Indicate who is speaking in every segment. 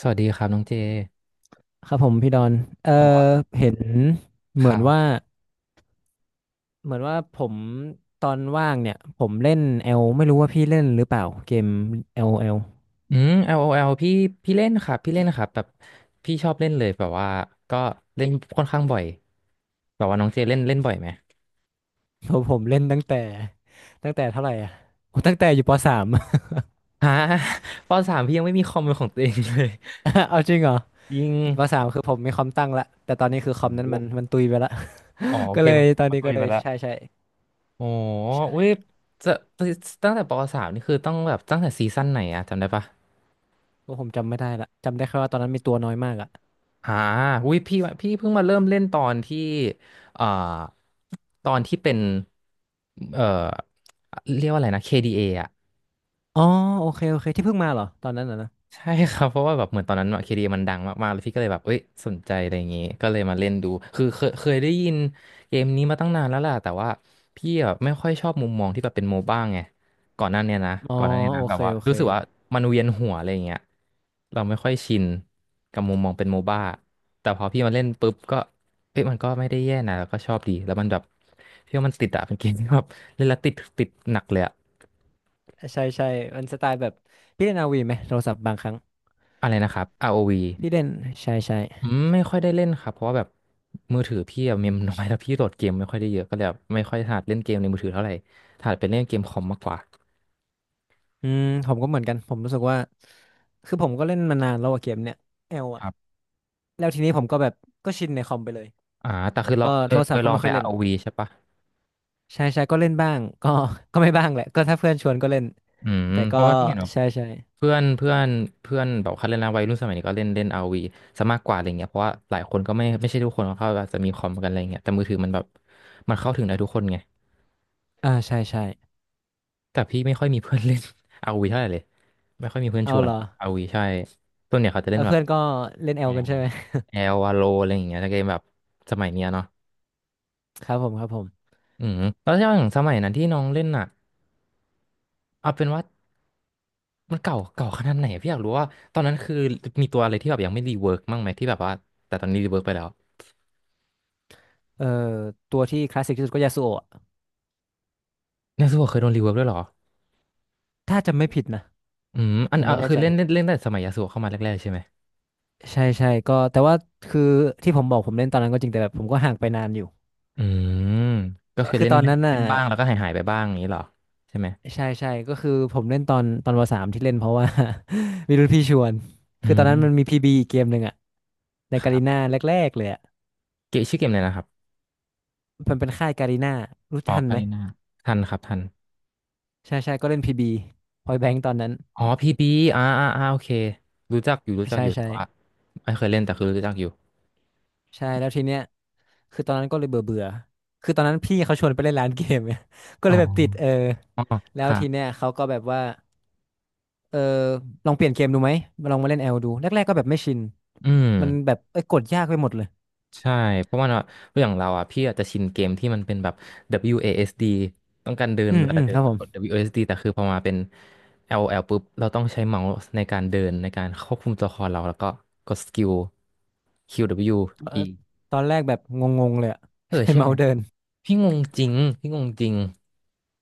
Speaker 1: สวัสดีครับน้องเจ
Speaker 2: ครับผมพี่ดอนเอ่อเห็นเหมือนว่าเหมือนว่าผมตอนว่างเนี่ยผมเล่นเอลไม่รู้ว่าพี่เล่นหรือเปล่าเกมเอลเอล
Speaker 1: อืม LOL พี่พี่เล่นครับพี่เล่นนะครับแบบพี่ชอบเล่นเลยแบบว่าก็เล่นค่อนข้างบ่อยแบบว่าน้องเจเล่นเล่นบ่อยไหม
Speaker 2: ผมเล่นตั้งแต่ตั้งแต่เท่าไหร่อ่ะโอ้ตั้งแต่อยู่ปสาม
Speaker 1: ฮะ ปสามพี่ยังไม่มีคอมเป็นของตัวเองเลย
Speaker 2: เอาจริงเหรอ
Speaker 1: ยิง
Speaker 2: ปสามคือผมมีคอมตั้งละแต่ตอนนี้คือคอ
Speaker 1: โอ้
Speaker 2: มนั้น
Speaker 1: โห
Speaker 2: มันตุยไปละ
Speaker 1: อ๋อ โอ
Speaker 2: ก็
Speaker 1: เค
Speaker 2: เลย
Speaker 1: มัน
Speaker 2: ตอน
Speaker 1: มัน
Speaker 2: นี้
Speaker 1: ตุ
Speaker 2: ก็
Speaker 1: ย
Speaker 2: เล
Speaker 1: ไป
Speaker 2: ย
Speaker 1: แล้ว
Speaker 2: ใช่ใช่
Speaker 1: โอ้โหอุ้
Speaker 2: ใช่
Speaker 1: ยจะตั้งแต่ปสามนี่คือต้องแบบตั้งแต่ซีซั่นไหนอะจำได้ปะ
Speaker 2: ก็ผมจำไม่ได้ละจำได้แค่ว่าตอนนั้นมีตัวน้อยมากอ่ะ
Speaker 1: อ่าอุ้ยพี่ว่าพี่เพิ่งมาเริ่มเล่นตอนที่เอ่อตอนที่เป็นเอ่อเรียกว่าอะไรนะ KDA ออ่ะ
Speaker 2: อ๋อโอเคโอเคที่เพิ่งมาเหรอตอนนั้นน่ะนะ
Speaker 1: ใช่ครับเพราะว่าแบบเหมือนตอนนั้นเคดีมันดังมากๆแล้วพี่ก็เลยแบบเอ้ยสนใจอะไรอย่างงี้ก็เลยมาเล่นดูคือเคยได้ยินเกมนี้มาตั้งนานแล้วแหล่ะแต่ว่าพี่อะไม่ค่อยชอบมุมมองที่แบบเป็นโมบ้างไงก่อนหน้าเนี้ยนะ
Speaker 2: อ๋อ
Speaker 1: ก่อนหน้าเนี้ย
Speaker 2: โอ
Speaker 1: นะแบบ
Speaker 2: เค
Speaker 1: ว่า
Speaker 2: โอเค
Speaker 1: รู้สึกว่ามันเวียนหัวอะไรอย่างเงี้ยเราไม่ค่อยชินกับมุมมองเป็นโมบ้าแต่พอพี่มาเล่นปุ๊บก็เอ้ยมันก็ไม่ได้แย่นะแล้วก็ชอบดีแล้วมันแบบพี่ว่ามันติดอะเป็นเกมที่แบบเล่นแล้วติดติดหนักเลยอะ
Speaker 2: ใช่ใช่มันสไตล์แบบพี่เล่นอาวีไหมโทรศัพท์บางครั้ง
Speaker 1: อะไรนะครับ ROV
Speaker 2: พี่เล่นใช่ใช่
Speaker 1: อืมไม่ค่อยได้เล่นครับเพราะว่าแบบมือถือพี่อะ เมมน้อยแล้วพี่โหลดเกมไม่ค่อยได้เยอะก็เลยแบบไม่ค่อยถนัดเล่นเกมในมือถือเท่าไหร่ถนัดเป็นเล่นเกมคอมมากกว่า
Speaker 2: อืมผมก็เหมือนกันผมรู้สึกว่าคือผมก็เล่นมานานแล้วอะเกมเนี้ยเอล
Speaker 1: ค
Speaker 2: อะ
Speaker 1: รับ
Speaker 2: แล้วทีนี้ผมก็แบบก็ชินในคอมไปเลย
Speaker 1: อ่าแต่คือลอ
Speaker 2: ก็
Speaker 1: งเค
Speaker 2: โท
Speaker 1: ย
Speaker 2: ร
Speaker 1: เค
Speaker 2: ศัพ
Speaker 1: ย
Speaker 2: ท์ก็
Speaker 1: ลอ
Speaker 2: ไม่
Speaker 1: งไป
Speaker 2: ค่อยเล่น
Speaker 1: r วีใช่ปะ
Speaker 2: ใช่ใช่ก็เล่นบ้างก็ ก็ไม่บ้างแหละก็ถ้าเพื่อนชวนก็เล่น
Speaker 1: อืม
Speaker 2: แต่
Speaker 1: เพ
Speaker 2: ก็
Speaker 1: ราะว่าพี่เห็นแบบ
Speaker 2: ใช่ใช่
Speaker 1: เพื่อนเพื่อนเพื่อนแบบเขาเล่นนะวัยรุ่นสมัยนี้ก็เล่นเล่น r วีซะมากกว่าอะไรเงี้ยเพราะว่าหลายคนก็ไม่ใช่ทุกคนเขาอาจจะมีคอมกันอะไรเงี้ยแต่มือถือมันแบบมันเข้าถึงได้ทุกคนไง
Speaker 2: อ่าใช่ใช่
Speaker 1: แต่พี่ไม่ค่อยมีเพื่อนเล่น r วีเท่าไหร่เลยไม่ค่อยมีเพื่อนช
Speaker 2: เอา
Speaker 1: วน
Speaker 2: เหรอ
Speaker 1: r o ีใช่ส่วนเนี่ยเขาจะเล่
Speaker 2: แล้
Speaker 1: น
Speaker 2: ว
Speaker 1: แบบ
Speaker 2: เพื่อนก็เล่นเอ
Speaker 1: แอ
Speaker 2: ลกัน
Speaker 1: ล
Speaker 2: ใช่ไหม
Speaker 1: แอลวาโลอะไรอย่างเงี้ยถ้าเกมแบบสมัยเนี้ยเนาะ
Speaker 2: ครับผมครับผม
Speaker 1: อืมแล้วอย่างสมัยนั้นที่น้องเล่นอ่ะเอาเป็นว่ามันเก่าเก่าขนาดไหนพี่อยากรู้ว่าตอนนั้นคือมีตัวอะไรที่แบบยังไม่รีเวิร์กบ้างไหมที่แบบว่าแต่ตอนนี้รีเวิร์กไปแล้ว
Speaker 2: เอ่อตัวที่คลาสสิกที่สุดก็ยาสุโอะ
Speaker 1: ยาสูบเคยโดนรีเวิร์กด้วยเหรอ
Speaker 2: ถ้าจำไม่ผิดนะ
Speaker 1: อืมอั
Speaker 2: ผ
Speaker 1: น
Speaker 2: ม
Speaker 1: อ่ะ
Speaker 2: ไม่แน่
Speaker 1: คือ
Speaker 2: ใจ
Speaker 1: เล่นเล่นเล่นตั้งแต่สมัยยาสูบเข้ามาแรกๆใช่ไหม
Speaker 2: ใช่ใช่ก็แต่ว่าคือที่ผมบอกผมเล่นตอนนั้นก็จริงแต่แบบผมก็ห่างไปนานอยู่
Speaker 1: อืมก็
Speaker 2: ใช่
Speaker 1: คือ
Speaker 2: คือ
Speaker 1: เล่น
Speaker 2: ตอน
Speaker 1: เล่น
Speaker 2: นั้นน่ะ
Speaker 1: เล่นบ้างแล้วก็หายไปบ้างอย่างนี้เหรอใช่ไหม
Speaker 2: ใช่ใช่ก็คือผมเล่นตอนตอนวสามที่เล่นเพราะว่า มีรุ่นพี่ชวน
Speaker 1: อื
Speaker 2: คือตอน
Speaker 1: ม
Speaker 2: นั้นมันมีพีบีอีกเกมหนึ่งอะใน
Speaker 1: ค
Speaker 2: กาลี
Speaker 1: รั
Speaker 2: นา
Speaker 1: บ
Speaker 2: แรกๆเลยอะ
Speaker 1: เกมชื่อเกมอะไรนะครับ
Speaker 2: มันเป็นค่ายกาลีนารู้
Speaker 1: อ๋อ
Speaker 2: ทัน
Speaker 1: กา
Speaker 2: ไหม
Speaker 1: รินาทันครับทัน
Speaker 2: ใช่ใช่ก็เล่นพีบีพอยแบงค์ตอนนั้น
Speaker 1: อ๋อพีบีอ่าโอเครู้จักอยู่รู้จัก
Speaker 2: ใช่
Speaker 1: อยู่
Speaker 2: ใช่
Speaker 1: แต่ว่าไม่เคยเล่นแต่คือรู้จักอยู่
Speaker 2: ใช่แล้วทีเนี้ยคือตอนนั้นก็เลยเบื่อเบื่อคือตอนนั้นพี่เขาชวนไปเล่นร้านเกมเนี่ย ก็
Speaker 1: อ๋
Speaker 2: เล
Speaker 1: อ
Speaker 2: ยแบบติดเออ
Speaker 1: อ๋อ
Speaker 2: แล้ว
Speaker 1: ค่ะ
Speaker 2: ทีเนี้ยเขาก็แบบว่า เออลองเปลี่ยนเกมดูไหมลองมาเล่นแอลดูแรกๆก็แบบไม่ชิน
Speaker 1: อืม
Speaker 2: มันแบบเอ้ยกดยากไปหมดเลย
Speaker 1: ใช่เพราะว่าเนอะอย่างเราอ่ะพี่อาจจะชินเกมที่มันเป็นแบบ WASD ต้องการเดิน
Speaker 2: อืม
Speaker 1: เว
Speaker 2: อื
Speaker 1: ลา
Speaker 2: ม
Speaker 1: เดิ
Speaker 2: ค
Speaker 1: น
Speaker 2: รับผม
Speaker 1: กด WASD แต่คือพอมาเป็น LL ปุ๊บเราต้องใช้เมาส์ในการเดินในการควบคุมตัวละครเราแล้วก็กดสกิล QW
Speaker 2: เอ่อ
Speaker 1: E
Speaker 2: ตอนแรกแบบงงๆเลยอะ
Speaker 1: เบิ ลยูอเอ
Speaker 2: ใช้
Speaker 1: อใช่ไห
Speaker 2: เมา
Speaker 1: ม
Speaker 2: ส์เดิน
Speaker 1: พี่งงจริงพี่งงจริง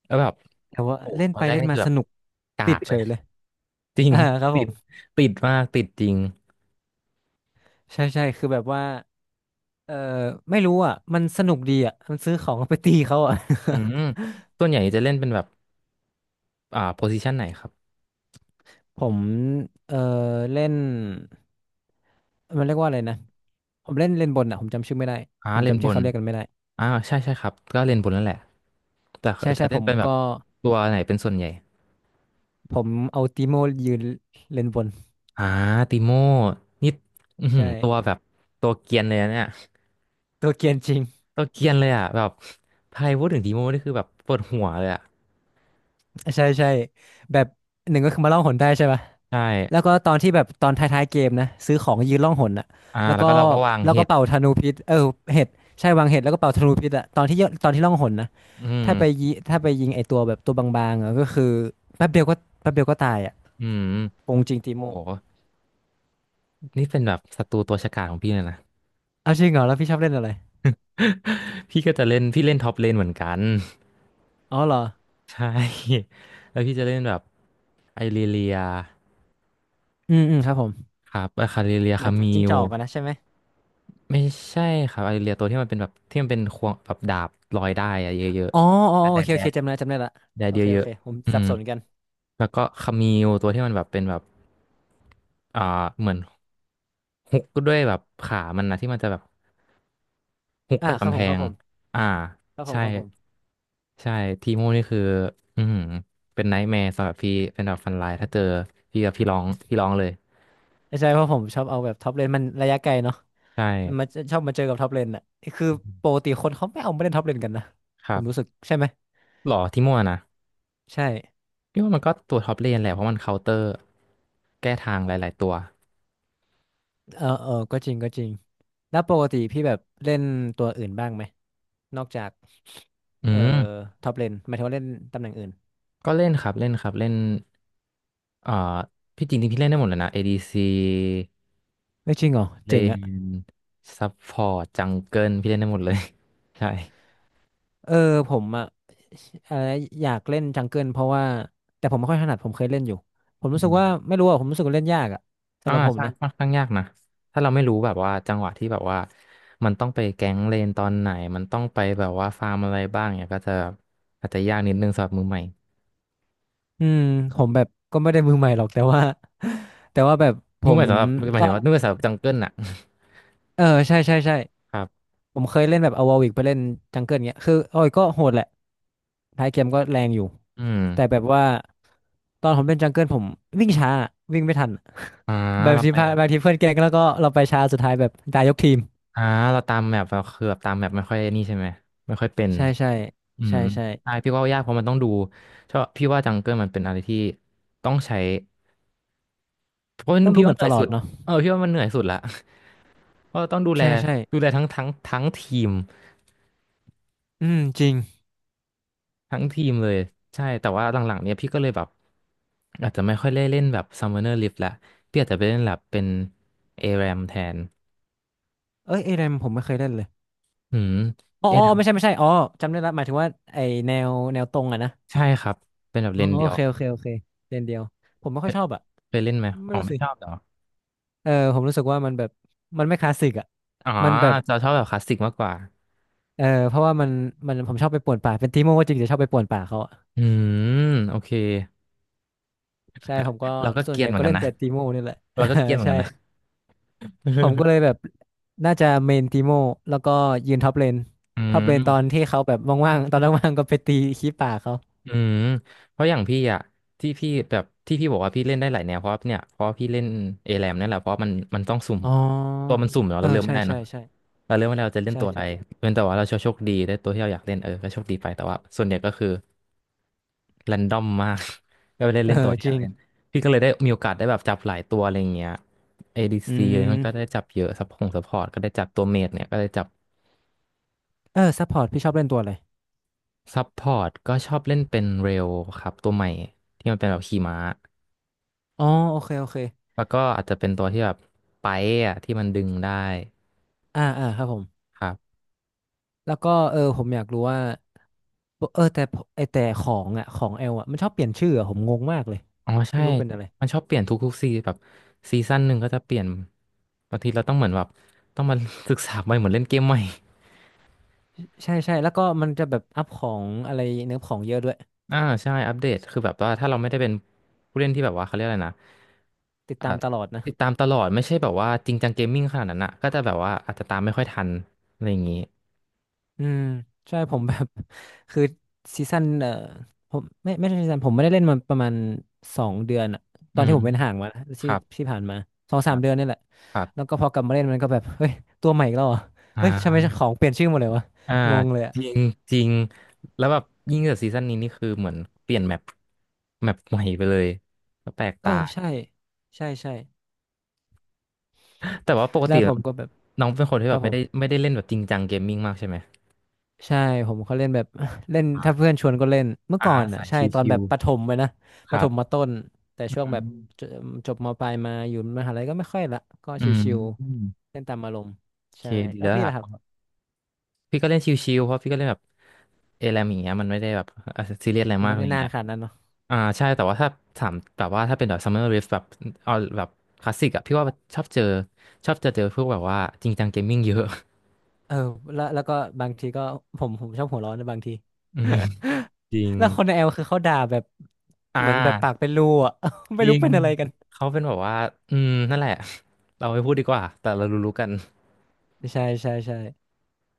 Speaker 1: แล้วแบบ
Speaker 2: แต่ว่า
Speaker 1: โอ้
Speaker 2: เล่น
Speaker 1: ตอ
Speaker 2: ไป
Speaker 1: นแรก
Speaker 2: เล่น
Speaker 1: นี่
Speaker 2: มา
Speaker 1: คือ
Speaker 2: ส
Speaker 1: แบบ
Speaker 2: นุก
Speaker 1: กา
Speaker 2: ติด
Speaker 1: กเล
Speaker 2: เฉ
Speaker 1: ย
Speaker 2: ยเลย
Speaker 1: จริ ง
Speaker 2: อ่าครับ ผ
Speaker 1: ติด
Speaker 2: ม
Speaker 1: ติดมากติดจริง
Speaker 2: ใช่ใช่คือแบบว่าเออไม่รู้อ่ะมันสนุกดีอ่ะมันซื้อของไปตีเขาอ่ะ
Speaker 1: อืมส่วนใหญ่จะเล่นเป็นแบบอ่าโพซิชันไหนครับ
Speaker 2: ผมเออเล่นมันเรียกว่าอะไรนะผมเล่นเล่นบนอ่ะผมจำชื่อไม่ได้
Speaker 1: อ่า
Speaker 2: ผม
Speaker 1: เล่น
Speaker 2: จำ
Speaker 1: บ
Speaker 2: ชื่อ
Speaker 1: น
Speaker 2: เขาเรียกกันไม่ได้
Speaker 1: ใช่ครับก็เล่นบนนั่นแหละแต่
Speaker 2: ใช่
Speaker 1: จะ
Speaker 2: ใช่ผ
Speaker 1: เล่น
Speaker 2: ม
Speaker 1: เป็นแบบ
Speaker 2: ก็
Speaker 1: ตัวไหนเป็นส่วนใหญ่
Speaker 2: ผมเอาติโมยืนเล่นบน
Speaker 1: อ่าติโม่นี่อือหื
Speaker 2: ใช่
Speaker 1: อตัวแบบตัวเกรียนเลยนะเนี่ย
Speaker 2: ตัวเกรียนจริง
Speaker 1: ตัวเกรียนเลยอ่ะแบบใครพูดถึงติโม่นี่คือแบบปวดหัวเลยอ่ะ
Speaker 2: ใช่ใช่แบบหนึ่งก็คือมาล่องหนได้ใช่ปะ
Speaker 1: ใช่
Speaker 2: แล้วก็ตอนที่แบบตอนท้ายๆเกมนะซื้อของยืนล่องหนอะ
Speaker 1: อ่า
Speaker 2: แล้ว
Speaker 1: แล้ว
Speaker 2: ก็
Speaker 1: ก็เราก็วาง
Speaker 2: แล้ว
Speaker 1: เห็
Speaker 2: ก็
Speaker 1: ด
Speaker 2: เป่าธนูพิษเออเห็ดใช่วางเห็ดแล้วก็เป่าธนูพิษอะตอนที่ยตอนที่ล่องหนนะ
Speaker 1: อืม
Speaker 2: ถ้าไปยิถ้าไปยิงไอตัวแบบตัวบางๆอะก็คือแป๊บเดียวก็แป๊บเดียวก็ตายอะ
Speaker 1: อืม
Speaker 2: โกงจริงติ
Speaker 1: โอ้
Speaker 2: โม
Speaker 1: โหนี่เป็นแบบศัตรูตัวฉกาจของพี่เลยนะ
Speaker 2: เอาจริงเหรอแล้วพี่ชอบเล่นอะไร
Speaker 1: พี่ก็จะเล่นพี่เล่นท็อปเลนเหมือนกัน
Speaker 2: อ๋อเหรอ
Speaker 1: ใช่แล้วพี่จะเล่นแบบไอริเลีย
Speaker 2: อืมอืมครับผม
Speaker 1: ครับไอาคาริเลีย
Speaker 2: หมา
Speaker 1: คามิ
Speaker 2: จิ้ง
Speaker 1: ว
Speaker 2: จอกกันนะใช่ไหม
Speaker 1: ไม่ใช่ครับไอริเลียตัวที่มันเป็นแบบที่มันเป็นควงแบบดาบลอยได้อะเยอะ
Speaker 2: อ๋ออ๋อ
Speaker 1: ๆแต่
Speaker 2: โอ
Speaker 1: แดด
Speaker 2: เค
Speaker 1: แด
Speaker 2: โอเค
Speaker 1: ด
Speaker 2: จำได้จำได้ละ
Speaker 1: แดด
Speaker 2: โอ
Speaker 1: เย
Speaker 2: เคโอ
Speaker 1: อะ
Speaker 2: เคผม
Speaker 1: ๆอื
Speaker 2: สับ
Speaker 1: ม
Speaker 2: สนกัน
Speaker 1: แล้วก็คามิวตัวที่มันแบบเป็นแบบอ่าเหมือนฮุกด้วยแบบขามันนะที่มันจะแบบ ฮุก
Speaker 2: อ่า
Speaker 1: กับ
Speaker 2: ครับ
Speaker 1: กำ
Speaker 2: ผ
Speaker 1: แพ
Speaker 2: มครั
Speaker 1: ง
Speaker 2: บผม
Speaker 1: อ่า
Speaker 2: ครับผม
Speaker 1: ใช่
Speaker 2: ครับผม
Speaker 1: ใช่ ทีโม่นี่คืออือหือเป็นไนท์แมร์สำหรับพี่เป็นแบบฟันไลน์ถ้าเจอพี่กับพี่ร้องเลย
Speaker 2: ไม่ใช่เพราะผมชอบเอาแบบท็อปเลนมันระยะไกลเนาะ
Speaker 1: ใช
Speaker 2: มันมา
Speaker 1: ่
Speaker 2: ชอบมาเจอกับท็อปเลนอ่ะคือปกติคนเขาไม่เอามาเล่นท็อปเลนกันนะ
Speaker 1: ค
Speaker 2: ผ
Speaker 1: รั
Speaker 2: มรู้
Speaker 1: บ
Speaker 2: สึกใช่ไหม
Speaker 1: หรอทีโม่นะ
Speaker 2: ใช่
Speaker 1: พี่ว่ามันก็ตัวท็อปเลนแหละเพราะมันเคาน์เตอร์ แก้ทางหลายๆตัว
Speaker 2: เออเออก็จริงก็จริงแล้วปกติพี่แบบเล่นตัวอื่นบ้างไหมนอกจาก
Speaker 1: อื
Speaker 2: เอ่อ
Speaker 1: ม
Speaker 2: ท็อปเลนหมายถึงว่าเล่นตำแหน่งอื่น
Speaker 1: ก็เล่นครับ เล่นครับ เล่นเอ่อ พี่จริงๆพี่เล่นได้หมดเลยนะ ADC
Speaker 2: ไม่จริงเหรอ
Speaker 1: เล
Speaker 2: เจ๋ง
Speaker 1: น
Speaker 2: อะ
Speaker 1: ซัพพอร์ตจังเกิลพี่เล่นได้หมดเลย ใช่
Speaker 2: เออผมอะอะไรอยากเล่นจังเกิลเพราะว่าแต่ผมไม่ค่อยถนัดผมเคยเล่นอยู่ผม
Speaker 1: อื
Speaker 2: รู้สึก
Speaker 1: ม
Speaker 2: ว่าไม่รู้อะผมรู้สึกว่าเล่นยากอะ
Speaker 1: อ่า
Speaker 2: สำหรับผม
Speaker 1: ใช่
Speaker 2: นะ
Speaker 1: ค่อนข้างยากนะถ้าเราไม่รู้แบบว่าจังหวะที่แบบว่ามันต้องไปแก๊งเลนตอนไหนมันต้องไปแบบว่าฟาร์มอะไรบ้างเนี่ยก็จะอาจจะยากนิดนึงสำหรับมือใหม่
Speaker 2: อืมผมแบบก็ไม่ได้มือใหม่หรอกแต่ว่า แต่ว่าแบบผ
Speaker 1: มือให
Speaker 2: ม
Speaker 1: ม่สำหรับห
Speaker 2: ต
Speaker 1: มาย
Speaker 2: อ
Speaker 1: ถึง
Speaker 2: น
Speaker 1: ว่ามือใหม่สำหรับจังเกิลน่ะ
Speaker 2: เออใช่ใช่ใช่
Speaker 1: ครับ
Speaker 2: ผมเคยเล่นแบบเอาวอวิกไปเล่นจังเกิลเงี้ยคือโอ้ยก็โหดแหละท้ายเกมก็แรงอยู่
Speaker 1: อืม
Speaker 2: แต่แบบว่าตอนผมเล่นจังเกิลผมวิ่งช้าวิ่งไม่ทัน
Speaker 1: อ่า
Speaker 2: แบบ
Speaker 1: เรา
Speaker 2: ทีม
Speaker 1: ไป
Speaker 2: พาบางทีเพื่อนแกล้งแล้วก็เราไปช้าสุดท้ายแบบตายยกทีม
Speaker 1: อ่าเราตามแมปเราคือแบบตามแมปไม่ค่อยนี่ใช่ไหมไม่ค่อยเป็น
Speaker 2: ใช่ใช่
Speaker 1: อืม
Speaker 2: ใช่ใช่
Speaker 1: ใช่พี่ว่ายากเพราะมันต้องดูชอบพี่ว่าจังเกิลมันเป็นอะไรที่ต้องใช้เพราะ
Speaker 2: ต้องดู
Speaker 1: พี่
Speaker 2: แม
Speaker 1: ว่าเห
Speaker 2: ป
Speaker 1: นื่
Speaker 2: ต
Speaker 1: อย
Speaker 2: ลอ
Speaker 1: สุ
Speaker 2: ด
Speaker 1: ด
Speaker 2: เนาะ
Speaker 1: เออพี่ว่ามันเหนื่อยสุดละเพราะต้องดูแล
Speaker 2: ใช่ใช่
Speaker 1: ดูแลทั้งทีม
Speaker 2: อืมจริง
Speaker 1: ทั้งทีมเลยใช่แต่ว่าหลังๆเนี้ยพี่ก็เลยแบบอาจจะไม่ค่อยได้เล่นแบบ Summoner Rift ละพี่อาจจะไปเล่นแบบเป็น ARAM แทน
Speaker 2: เอ้ยเอเดมผมไม่เคยเล่นเลย
Speaker 1: อืม
Speaker 2: อ๋ออ๋อ
Speaker 1: ARAM
Speaker 2: ไม่ใช่ไม่ใช่อ๋อจำได้ละหมายถึงว่าไอแนวแนวตรงอะนะ
Speaker 1: ใช่ครับเป็นแบบ
Speaker 2: อ๋
Speaker 1: เล
Speaker 2: อ
Speaker 1: นเดี
Speaker 2: โอ
Speaker 1: ยว
Speaker 2: เคโอเคโอเคเลนเดียวผมไม่
Speaker 1: เป
Speaker 2: ค่อยชอบอ่ะ
Speaker 1: เคยเล่นไหม
Speaker 2: ไม่
Speaker 1: อ๋อ
Speaker 2: รู้
Speaker 1: ไม่
Speaker 2: สิ
Speaker 1: ชอบเหรอ
Speaker 2: เออผมรู้สึกว่ามันแบบมันไม่คลาสสิกอ่ะ
Speaker 1: อ๋อ
Speaker 2: มันแบบ
Speaker 1: จะชอบแบบคลาสสิกมากกว่า
Speaker 2: เออเพราะว่ามันมันผมชอบไปป่วนป่าเป็นตีโมก็จริงแต่ชอบไปป่วนป่าเขาอะ
Speaker 1: อืมโอเค
Speaker 2: ใช่ผมก็
Speaker 1: เราก็
Speaker 2: ส่ว
Speaker 1: เก
Speaker 2: น
Speaker 1: รี
Speaker 2: ให
Speaker 1: ยน
Speaker 2: ญ่
Speaker 1: เหมือ
Speaker 2: ก็
Speaker 1: นกั
Speaker 2: เล่
Speaker 1: น
Speaker 2: น
Speaker 1: นะ
Speaker 2: แต่ตีโมนี่แหละ
Speaker 1: เราก็เกรียนเห มือน
Speaker 2: ใช่
Speaker 1: กันนะ
Speaker 2: ผมก็เลยแบบน่าจะเมนตีโมแล้วก็ยืนท็อปเลน
Speaker 1: อื
Speaker 2: ท็อปเล
Speaker 1: ม
Speaker 2: นตอนที่เขาแบบว่างๆตอนว่างๆก็ไปตีขี้ป่าเขา
Speaker 1: อืมเพราะอย่างพี่อะที่พี่แบบที่พี่บอกว่าพี่เล่นได้หลายแนวเพราะเนี่ยเพราะพี่เล่นเอแรมนั่นแหละเพราะมันต้องสุ่ม
Speaker 2: อ๋อ
Speaker 1: ตัวมันสุ่มเนาะ
Speaker 2: เอ
Speaker 1: เรา
Speaker 2: อ
Speaker 1: เลือกไม่
Speaker 2: ใช่
Speaker 1: ได้
Speaker 2: ใช่
Speaker 1: เนาะ
Speaker 2: ใช่
Speaker 1: เราเลือกไม่ได้เราจะเล่น
Speaker 2: ใช่
Speaker 1: ตัวอะไร
Speaker 2: ใช่
Speaker 1: เป็นแต่ว่าเราโชคดีได้ตัวที่เราอยากเล่นเออก็โชคดีไปแต่ว่าส่วนใหญ่ก็คือแรนดอมมาก ก็ไม่ได้
Speaker 2: เอ
Speaker 1: เล่นตั
Speaker 2: อ
Speaker 1: วที่
Speaker 2: จ
Speaker 1: ยา
Speaker 2: ริง
Speaker 1: เล่นพี่ก็เลยได้มีโอกาสได้แบบจับหลายตัวอะไรอย่างเงี้ย
Speaker 2: อื
Speaker 1: ADC เลยมันก็ได้
Speaker 2: ม
Speaker 1: จับเยอะซัพพอร์ตก็ได้จับตัวเมจเนี่ยก็ได้จับ
Speaker 2: เออซัพพอร์ตพี่ชอบเล่นตัวอะไร
Speaker 1: ซัพพอร์ตก็ชอบเล่นเป็นเรลครับตัวใหม่ที่มันเป็นแบบขี่ม้า
Speaker 2: อ๋อโอเคโอเค
Speaker 1: แล้วก็อาจจะเป็นตัวที่แบบไปอะที่มันดึงได้
Speaker 2: อ่าอ่าครับผม
Speaker 1: ครับ
Speaker 2: แล้วก็เออผมอยากรู้ว่าปกเออแต่ผมไอแต่ของอ่ะของเอลอ่ะมันชอบเปลี่ยนชื่ออะผมงงมากเลย
Speaker 1: อ๋อใช่
Speaker 2: ไม่รู้เป็นอะไร
Speaker 1: มันชอบเปลี่ยนทุกๆซีแบบซีซั่นหนึ่งก็จะเปลี่ยนบางทีเราต้องเหมือนแบบต้องมา ศึกษาใหม่เหมือนเล่นเกมใหม่
Speaker 2: ใช่ใช่แล้วก็มันจะแบบอัพของอะไรเนื้อของเยอะด้วย
Speaker 1: อ่าใช่อัปเดตคือแบบว่าถ้าเราไม่ได้เป็นผู้เล่นที่แบบว่าเขาเรียกอะไรนะ
Speaker 2: ติด
Speaker 1: อ่า
Speaker 2: ตามตลอดนะ
Speaker 1: ติดตามตลอดไม่ใช่แบบว่าจริงจังเกมมิ่งขนาดนั้นอ่ะก็จะแบบว่าอาจจะตามไม่ค่อยทันอะไรอย่างงี้
Speaker 2: อืมใช่ผมแบบ คือซีซั่นเออผมไม่ไม่ใช่ซีซั่นผมไม่ได้เล่นมาประมาณ2 เดือนอะตอ
Speaker 1: อื
Speaker 2: น
Speaker 1: ม
Speaker 2: ที่ผมเป็นห่างมานะ
Speaker 1: ค
Speaker 2: ที่
Speaker 1: รับ
Speaker 2: ที่ผ่านมาสอง
Speaker 1: ค
Speaker 2: สา
Speaker 1: รั
Speaker 2: ม
Speaker 1: บ
Speaker 2: เดือนนี่แหละ
Speaker 1: ครับ
Speaker 2: แล้วก็พอกลับมาเล่นมันก็แบบเฮ้ยตัวใหม่อีกแล้วเหรอ
Speaker 1: อ่
Speaker 2: เฮ้ยทำไม
Speaker 1: า
Speaker 2: ของเปลี่ยนชื่อหมดเลยวะ
Speaker 1: อ่า
Speaker 2: งงเลยอะ
Speaker 1: จริงจริงแล้วแบบยิ่งจากซีซั่นนี้นี่คือเหมือนเปลี่ยนแมปแมปใหม่ไปเลยก็แปลก
Speaker 2: เออ
Speaker 1: ตา
Speaker 2: ใช่ใช่ใช่
Speaker 1: แต่ว่าปก
Speaker 2: แล้
Speaker 1: ติ
Speaker 2: วผมก็แบบ
Speaker 1: น้องเป็นคนที่
Speaker 2: ค
Speaker 1: แบ
Speaker 2: รับ
Speaker 1: บ
Speaker 2: ผ
Speaker 1: ไม่
Speaker 2: ม
Speaker 1: ได้ไม่ได้เล่นแบบจริงจังเกมมิ่งมากใช่ไหม
Speaker 2: ใช่ผมเขาเล่นแบบ เล่นถ้าเพื่
Speaker 1: อ่า
Speaker 2: อนชวนก็เล่นเมื่อ
Speaker 1: อ่า
Speaker 2: ก่อนอ่ะ
Speaker 1: สาย
Speaker 2: ใช่
Speaker 1: ช
Speaker 2: ตอน
Speaker 1: ิ
Speaker 2: แบ
Speaker 1: ว
Speaker 2: บประถมไปนะ
Speaker 1: ๆค
Speaker 2: ประ
Speaker 1: รั
Speaker 2: ถ
Speaker 1: บ
Speaker 2: มมาต้นแต่
Speaker 1: อื
Speaker 2: ช่วงแบบจ
Speaker 1: ม
Speaker 2: จบมปลายมาอยู่มหาลัยก็ไม่ค่อยละก็
Speaker 1: อื
Speaker 2: ชิว
Speaker 1: ม
Speaker 2: ๆเล่นตามอารมณ์
Speaker 1: โอเค
Speaker 2: ใช่
Speaker 1: ดี
Speaker 2: แล้ว
Speaker 1: แล้ว
Speaker 2: พี่ล่ะครับ
Speaker 1: ล่ะ พี่ก็เล่นชิวๆเพราะพี่ก็เล่นแบบเอแรมอย่างเงี้ยมันไม่ได้แบบเเรียสอะไร
Speaker 2: ยัง
Speaker 1: มาก
Speaker 2: ไม่
Speaker 1: อะ
Speaker 2: ได้
Speaker 1: ไร
Speaker 2: นาน
Speaker 1: เงี้ย
Speaker 2: ขนาดนั้นเนาะ
Speaker 1: อ่าใช่แต่ว่าถ้าถามแบบว่าถ้าเป็นแบบ Summer Rift แบบเอาแบบคลาสสิกอะพี่ว่าชอบเจอชอบจะเจอพวกแบบว่าจริงจังเกมมิ่งเยอะ
Speaker 2: เออแล้วแล้วก็บางทีก็ผมชอบหัวร้อนนะบางที
Speaker 1: อืมจริง
Speaker 2: แล้วคนในแอลคือเขาด่าแบบ
Speaker 1: อ่
Speaker 2: เหมือนแบบปาก
Speaker 1: า
Speaker 2: เป็นรูอ่ะ
Speaker 1: จ
Speaker 2: ไม่
Speaker 1: ริ
Speaker 2: รู้
Speaker 1: ง
Speaker 2: เป็นอะไรกัน
Speaker 1: เขาเป็นแบบว่าอืมนั่นแหละ เราไม่พูดดีกว่าแต่เรารู้ๆกัน
Speaker 2: ใช่ใช่ใช่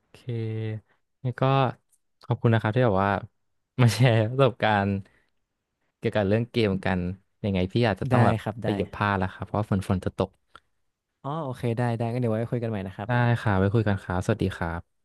Speaker 1: โอเคงั้นก็ขอบคุณนะครับที่แบบว่ามาแชร์ประสบการณ์ เกี่ยวกับเรื่องเกมกันยังไงพี่อาจจะต้อ
Speaker 2: ได้
Speaker 1: งแบบ
Speaker 2: ครับ
Speaker 1: ไป
Speaker 2: ได้
Speaker 1: เก็บผ้าแล้วครับเพราะว่าฝนจะตก
Speaker 2: อ๋อโอเคได้ได้งั้นเดี๋ยวไว้คุยกันใหม่นะครับ
Speaker 1: ได้ค่ะไว้คุยกันครับสวัสดีครับ